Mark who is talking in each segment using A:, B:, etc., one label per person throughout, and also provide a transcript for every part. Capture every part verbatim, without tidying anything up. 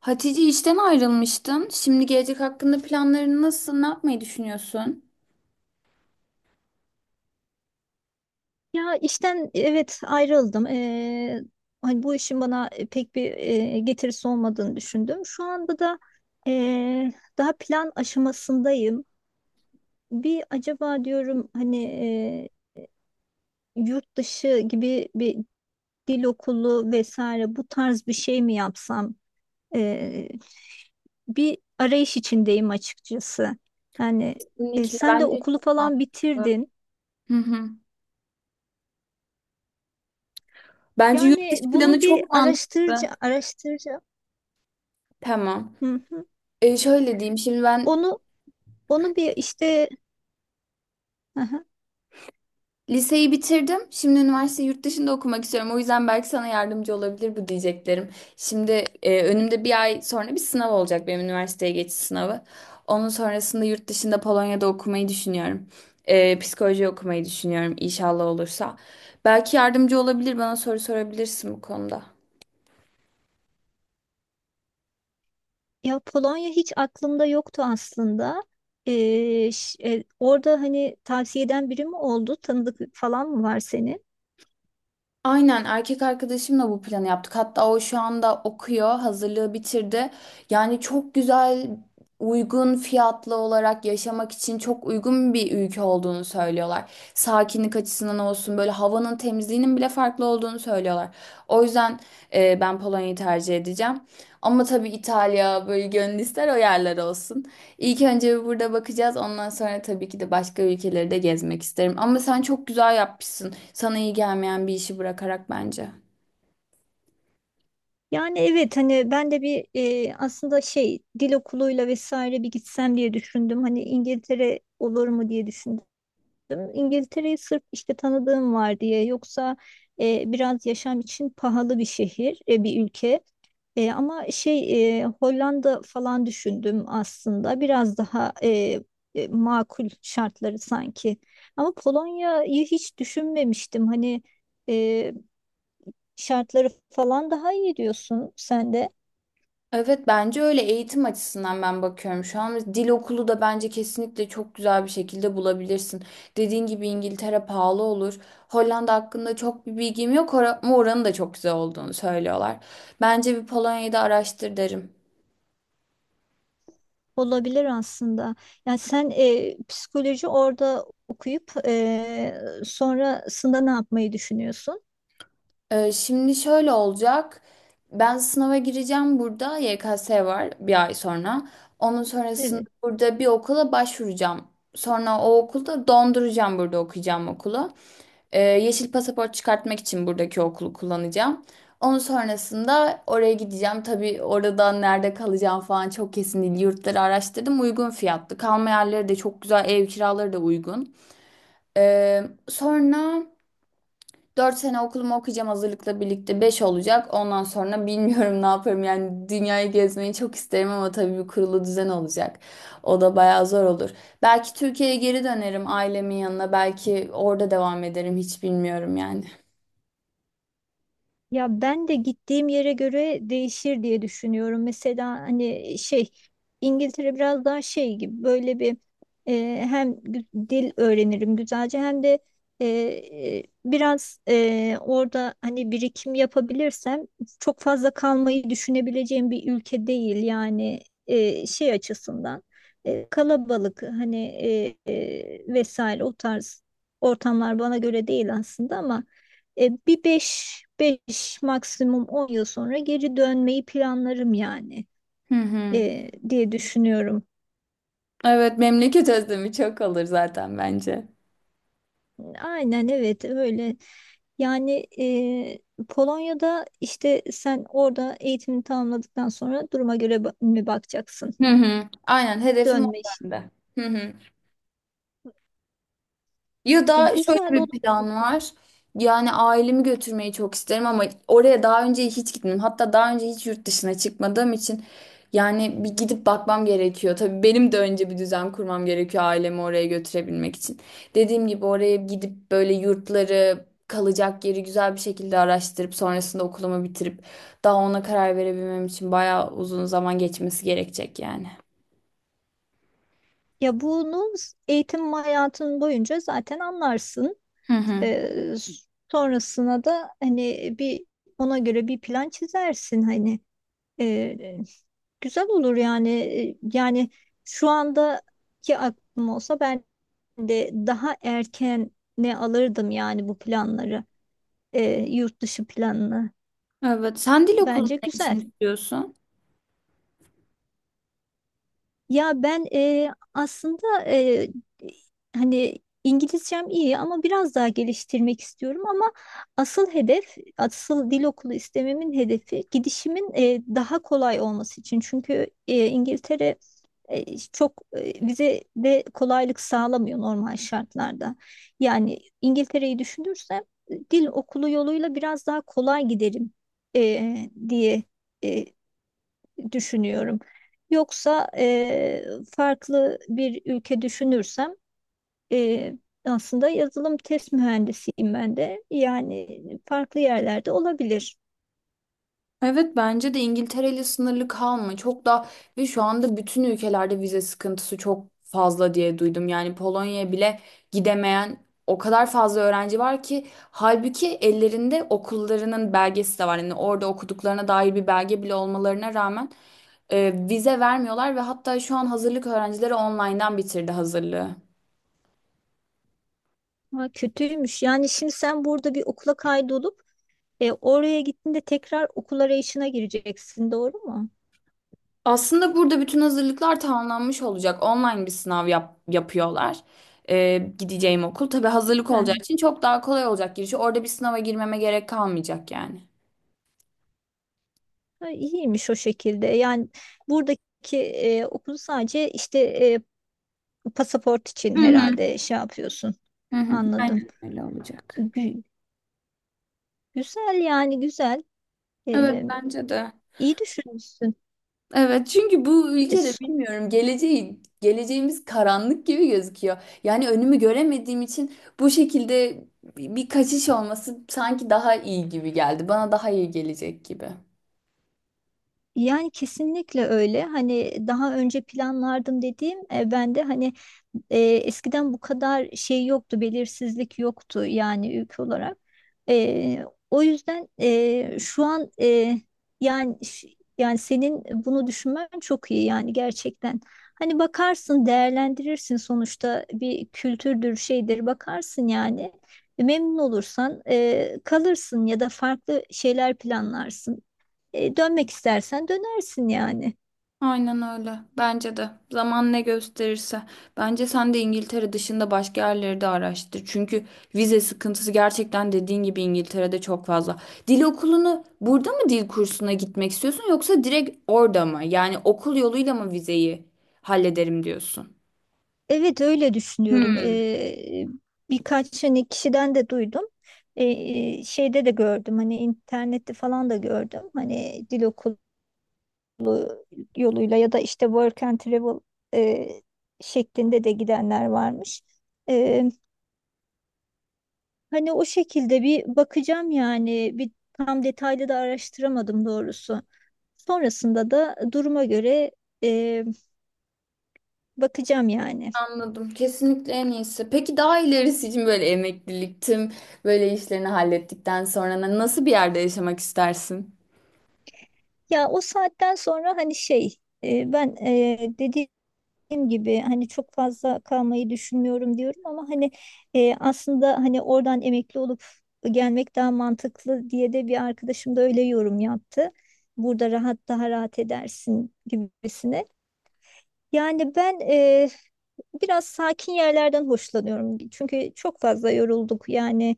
A: Hatice işten ayrılmıştın. Şimdi gelecek hakkında planların nasıl? Ne yapmayı düşünüyorsun?
B: Ya işten evet ayrıldım. Ee, hani bu işin bana pek bir e, getirisi olmadığını düşündüm. Şu anda da e, daha plan aşamasındayım. Bir acaba diyorum, hani e, yurt dışı gibi bir dil okulu vesaire bu tarz bir şey mi yapsam? Ee, bir arayış içindeyim açıkçası. Yani, e,
A: Kesinlikle
B: sen de
A: bence
B: okulu
A: çok
B: falan
A: mantıklı.
B: bitirdin.
A: Hı hı. Bence yurt
B: Yani
A: dışı planı
B: bunu bir
A: çok mantıklı.
B: araştırca araştıracağım.
A: Tamam.
B: Hı.
A: E, şöyle diyeyim. Şimdi ben
B: Onu onu bir işte. Aha.
A: liseyi bitirdim. Şimdi üniversite yurt dışında okumak istiyorum. O yüzden belki sana yardımcı olabilir bu diyeceklerim. Şimdi e, önümde bir ay sonra bir sınav olacak, benim üniversiteye geçiş sınavı. Onun sonrasında yurt dışında Polonya'da okumayı düşünüyorum. E, psikoloji okumayı düşünüyorum, inşallah olursa. Belki yardımcı olabilir, bana soru sorabilirsin bu konuda.
B: Ya Polonya hiç aklımda yoktu aslında. Ee, ş- e, orada hani tavsiye eden biri mi oldu? Tanıdık falan mı var senin?
A: Aynen, erkek arkadaşımla bu planı yaptık. Hatta o şu anda okuyor, hazırlığı bitirdi. Yani çok güzel, uygun fiyatlı olarak yaşamak için çok uygun bir ülke olduğunu söylüyorlar. Sakinlik açısından olsun, böyle havanın temizliğinin bile farklı olduğunu söylüyorlar. O yüzden e, ben Polonya'yı tercih edeceğim. Ama tabii İtalya, böyle gönül ister o yerler olsun. İlk önce burada bakacağız. Ondan sonra tabii ki de başka ülkeleri de gezmek isterim. Ama sen çok güzel yapmışsın. Sana iyi gelmeyen bir işi bırakarak, bence.
B: Yani evet, hani ben de bir e, aslında şey dil okuluyla vesaire bir gitsem diye düşündüm. Hani İngiltere olur mu diye düşündüm. İngiltere'yi sırf işte tanıdığım var diye, yoksa e, biraz yaşam için pahalı bir şehir, e, bir ülke. E, ama şey e, Hollanda falan düşündüm aslında. Biraz daha e, e, makul şartları sanki. Ama Polonya'yı hiç düşünmemiştim. Hani e, şartları falan daha iyi diyorsun sen de.
A: Evet, bence öyle. Eğitim açısından ben bakıyorum şu an. Dil okulu da bence kesinlikle çok güzel bir şekilde bulabilirsin. Dediğin gibi İngiltere pahalı olur. Hollanda hakkında çok bir bilgim yok ora- ama oranın da çok güzel olduğunu söylüyorlar. Bence bir Polonya'yı da araştır derim.
B: Olabilir aslında. Yani sen e, psikoloji orada okuyup e, sonrasında ne yapmayı düşünüyorsun?
A: Ee, şimdi şöyle olacak. Ben sınava gireceğim burada. Y K S var bir ay sonra. Onun sonrasında
B: Evet.
A: burada bir okula başvuracağım. Sonra o okulda donduracağım burada okuyacağım okulu. Ee, yeşil pasaport çıkartmak için buradaki okulu kullanacağım. Onun sonrasında oraya gideceğim. Tabii oradan nerede kalacağım falan çok kesin değil. Yurtları araştırdım. Uygun fiyatlı. Kalma yerleri de çok güzel. Ev kiraları da uygun. Ee, sonra... Dört sene okulumu okuyacağım, hazırlıkla birlikte beş olacak. Ondan sonra bilmiyorum ne yaparım. Yani dünyayı gezmeyi çok isterim ama tabii bir kurulu düzen olacak. O da bayağı zor olur. Belki Türkiye'ye geri dönerim, ailemin yanına. Belki orada devam ederim. Hiç bilmiyorum yani.
B: Ya ben de gittiğim yere göre değişir diye düşünüyorum. Mesela hani şey İngiltere biraz daha şey gibi, böyle bir e, hem gü- dil öğrenirim güzelce, hem de e, e, biraz e, orada hani birikim yapabilirsem, çok fazla kalmayı düşünebileceğim bir ülke değil yani, e, şey açısından e, kalabalık hani e, e, vesaire o tarz ortamlar bana göre değil aslında ama. E, bir beş beş, maksimum on yıl sonra geri dönmeyi planlarım yani,
A: Hı hı.
B: e, diye düşünüyorum.
A: Evet, memleket özlemi çok olur zaten bence.
B: Aynen evet öyle. Yani e, Polonya'da işte sen orada eğitimini tamamladıktan sonra duruma göre ba- mi bakacaksın?
A: Hı hı. Aynen, hedefim o
B: Dönme işi.
A: bende. Hı hı. Ya
B: E,
A: da şöyle
B: güzel
A: bir
B: olur.
A: plan var. Yani ailemi götürmeyi çok isterim ama oraya daha önce hiç gitmedim. Hatta daha önce hiç yurt dışına çıkmadığım için yani bir gidip bakmam gerekiyor. Tabii benim de önce bir düzen kurmam gerekiyor ailemi oraya götürebilmek için. Dediğim gibi, oraya gidip böyle yurtları, kalacak yeri güzel bir şekilde araştırıp sonrasında okulumu bitirip daha ona karar verebilmem için bayağı uzun zaman geçmesi gerekecek yani.
B: Ya bunu eğitim hayatın boyunca zaten anlarsın.
A: Hı hı.
B: E, sonrasına da hani bir ona göre bir plan çizersin hani. Ee, güzel olur yani. Ee, Yani şu andaki aklım olsa, ben de daha erken ne alırdım yani bu planları. Ee, yurt dışı planını.
A: Evet, sen dil okulunu
B: Bence
A: ne
B: güzel.
A: için istiyorsun?
B: Ya ben e, aslında e, hani İngilizcem iyi, ama biraz daha geliştirmek istiyorum, ama asıl hedef, asıl dil okulu istememin hedefi, gidişimin e, daha kolay olması için. Çünkü e, İngiltere e, çok e, vize de kolaylık sağlamıyor normal şartlarda. Yani İngiltere'yi düşünürsem e, dil okulu yoluyla biraz daha kolay giderim e, diye e, düşünüyorum. Yoksa e, farklı bir ülke düşünürsem, e, aslında yazılım test mühendisiyim ben de. Yani farklı yerlerde olabilir.
A: Evet, bence de İngiltere ile sınırlı kalma. Çok da, ve şu anda bütün ülkelerde vize sıkıntısı çok fazla diye duydum. Yani Polonya'ya bile gidemeyen o kadar fazla öğrenci var ki, halbuki ellerinde okullarının belgesi de var. Yani orada okuduklarına dair bir belge bile olmalarına rağmen e, vize vermiyorlar. Ve hatta şu an hazırlık öğrencileri online'dan bitirdi hazırlığı.
B: Ha, kötüymüş. Yani şimdi sen burada bir okula kaydolup e, oraya gittiğinde tekrar okul arayışına gireceksin, doğru mu?
A: Aslında burada bütün hazırlıklar tamamlanmış olacak. Online bir sınav yap- yapıyorlar. Ee, gideceğim okul, tabii hazırlık olacağı
B: He.
A: için çok daha kolay olacak girişi. Orada bir sınava girmeme gerek kalmayacak yani.
B: Ha, iyiymiş o şekilde. Yani buradaki e, okulu sadece işte e, pasaport için
A: Hı hı,
B: herhalde şey yapıyorsun.
A: hı hı.
B: Anladım.
A: Aynen öyle olacak.
B: Gü- güzel yani, güzel.
A: Evet,
B: Ee,
A: bence de.
B: iyi düşünmüşsün.
A: Evet, çünkü bu
B: E,
A: ülkede bilmiyorum, geleceği geleceğimiz karanlık gibi gözüküyor. Yani önümü göremediğim için bu şekilde bir bir kaçış olması sanki daha iyi gibi geldi. Bana daha iyi gelecek gibi.
B: Yani kesinlikle öyle. Hani daha önce planlardım dediğim, e, ben de hani e, eskiden bu kadar şey yoktu, belirsizlik yoktu yani ülke olarak. E, o yüzden e, şu an, e, yani ş- yani senin bunu düşünmen çok iyi yani, gerçekten. Hani bakarsın, değerlendirirsin, sonuçta bir kültürdür, şeydir, bakarsın yani. E, Memnun olursan e, kalırsın, ya da farklı şeyler planlarsın. E, dönmek istersen dönersin yani.
A: Aynen öyle. Bence de. Zaman ne gösterirse. Bence sen de İngiltere dışında başka yerleri de araştır. Çünkü vize sıkıntısı gerçekten dediğin gibi İngiltere'de çok fazla. Dil okulunu burada mı, dil kursuna gitmek istiyorsun yoksa direkt orada mı? Yani okul yoluyla mı vizeyi hallederim diyorsun?
B: Evet, öyle düşünüyorum.
A: Hmm,
B: E, birkaç hani kişiden de duydum. E, şeyde de gördüm, hani internette falan da gördüm. Hani dil okulu yoluyla, ya da işte work and travel e, şeklinde de gidenler varmış. E, hani o şekilde bir bakacağım yani, bir tam detaylı da araştıramadım doğrusu. Sonrasında da duruma göre e, bakacağım yani.
A: anladım. Kesinlikle en iyisi. Peki daha ilerisi için böyle emeklilik, tüm böyle işlerini hallettikten sonra nasıl bir yerde yaşamak istersin?
B: Ya, o saatten sonra hani şey, e, ben e, dediğim gibi hani çok fazla kalmayı düşünmüyorum diyorum, ama hani e, aslında hani oradan emekli olup gelmek daha mantıklı diye de, bir arkadaşım da öyle yorum yaptı. Burada rahat daha rahat edersin gibisine. Yani ben e, biraz sakin yerlerden hoşlanıyorum. Çünkü çok fazla yorulduk. Yani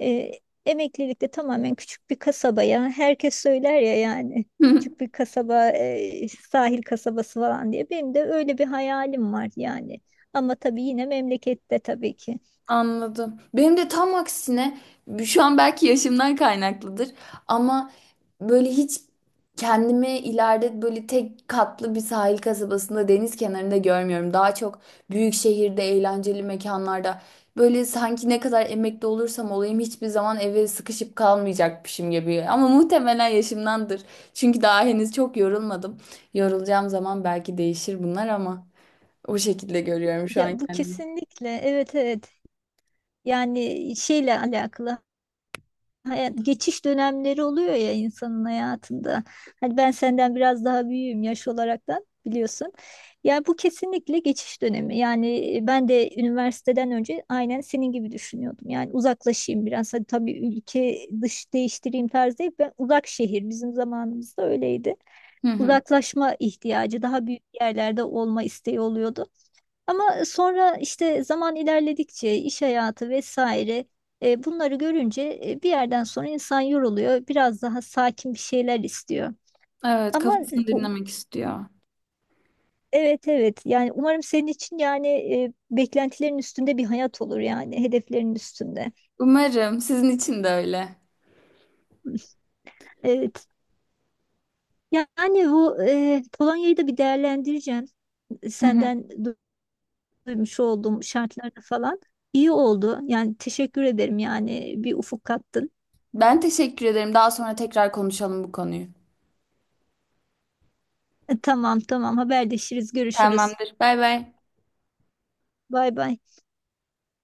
B: e, emeklilikte tamamen küçük bir kasabaya, herkes söyler ya yani, küçük bir kasaba, e, sahil kasabası falan diye. Benim de öyle bir hayalim var yani. Ama tabii yine memlekette, tabii ki.
A: Anladım. Benim de tam aksine şu an, belki yaşımdan kaynaklıdır ama böyle hiç kendimi ileride böyle tek katlı bir sahil kasabasında deniz kenarında görmüyorum. Daha çok büyük şehirde, eğlenceli mekanlarda, böyle sanki ne kadar emekli olursam olayım hiçbir zaman eve sıkışıp kalmayacakmışım gibi. Ama muhtemelen yaşımdandır. Çünkü daha henüz çok yorulmadım. Yorulacağım zaman belki değişir bunlar ama o şekilde görüyorum şu an
B: Ya bu
A: kendimi.
B: kesinlikle, evet, evet. Yani şeyle alakalı hayat- geçiş dönemleri oluyor ya insanın hayatında. Hani ben senden biraz daha büyüğüm yaş olaraktan, biliyorsun. Yani bu kesinlikle geçiş dönemi. Yani e, ben de üniversiteden önce aynen senin gibi düşünüyordum. Yani uzaklaşayım biraz. Hadi tabii ülke dış değiştireyim tarzı değil. Ben uzak şehir, bizim zamanımızda öyleydi.
A: Hı hı.
B: Uzaklaşma ihtiyacı, daha büyük yerlerde olma isteği oluyordu. Ama e, sonra işte zaman ilerledikçe, iş hayatı vesaire, e, bunları görünce e, bir yerden sonra insan yoruluyor. Biraz daha sakin bir şeyler istiyor.
A: Evet,
B: Ama e,
A: kafasını
B: u-
A: dinlemek istiyor.
B: evet, evet, yani umarım senin için, yani e, beklentilerin üstünde bir hayat olur, yani hedeflerin üstünde.
A: Umarım sizin için de öyle.
B: Evet. Yani bu, e, Polonya'yı da bir değerlendireceğim.
A: Hı hı.
B: Senden du- duymuş olduğum şartlarda falan. İyi oldu. Yani teşekkür ederim, yani bir ufuk kattın.
A: Ben teşekkür ederim. Daha sonra tekrar konuşalım bu konuyu.
B: E, Tamam, tamam, haberleşiriz, görüşürüz.
A: Tamamdır. Bay bay.
B: Bay bay.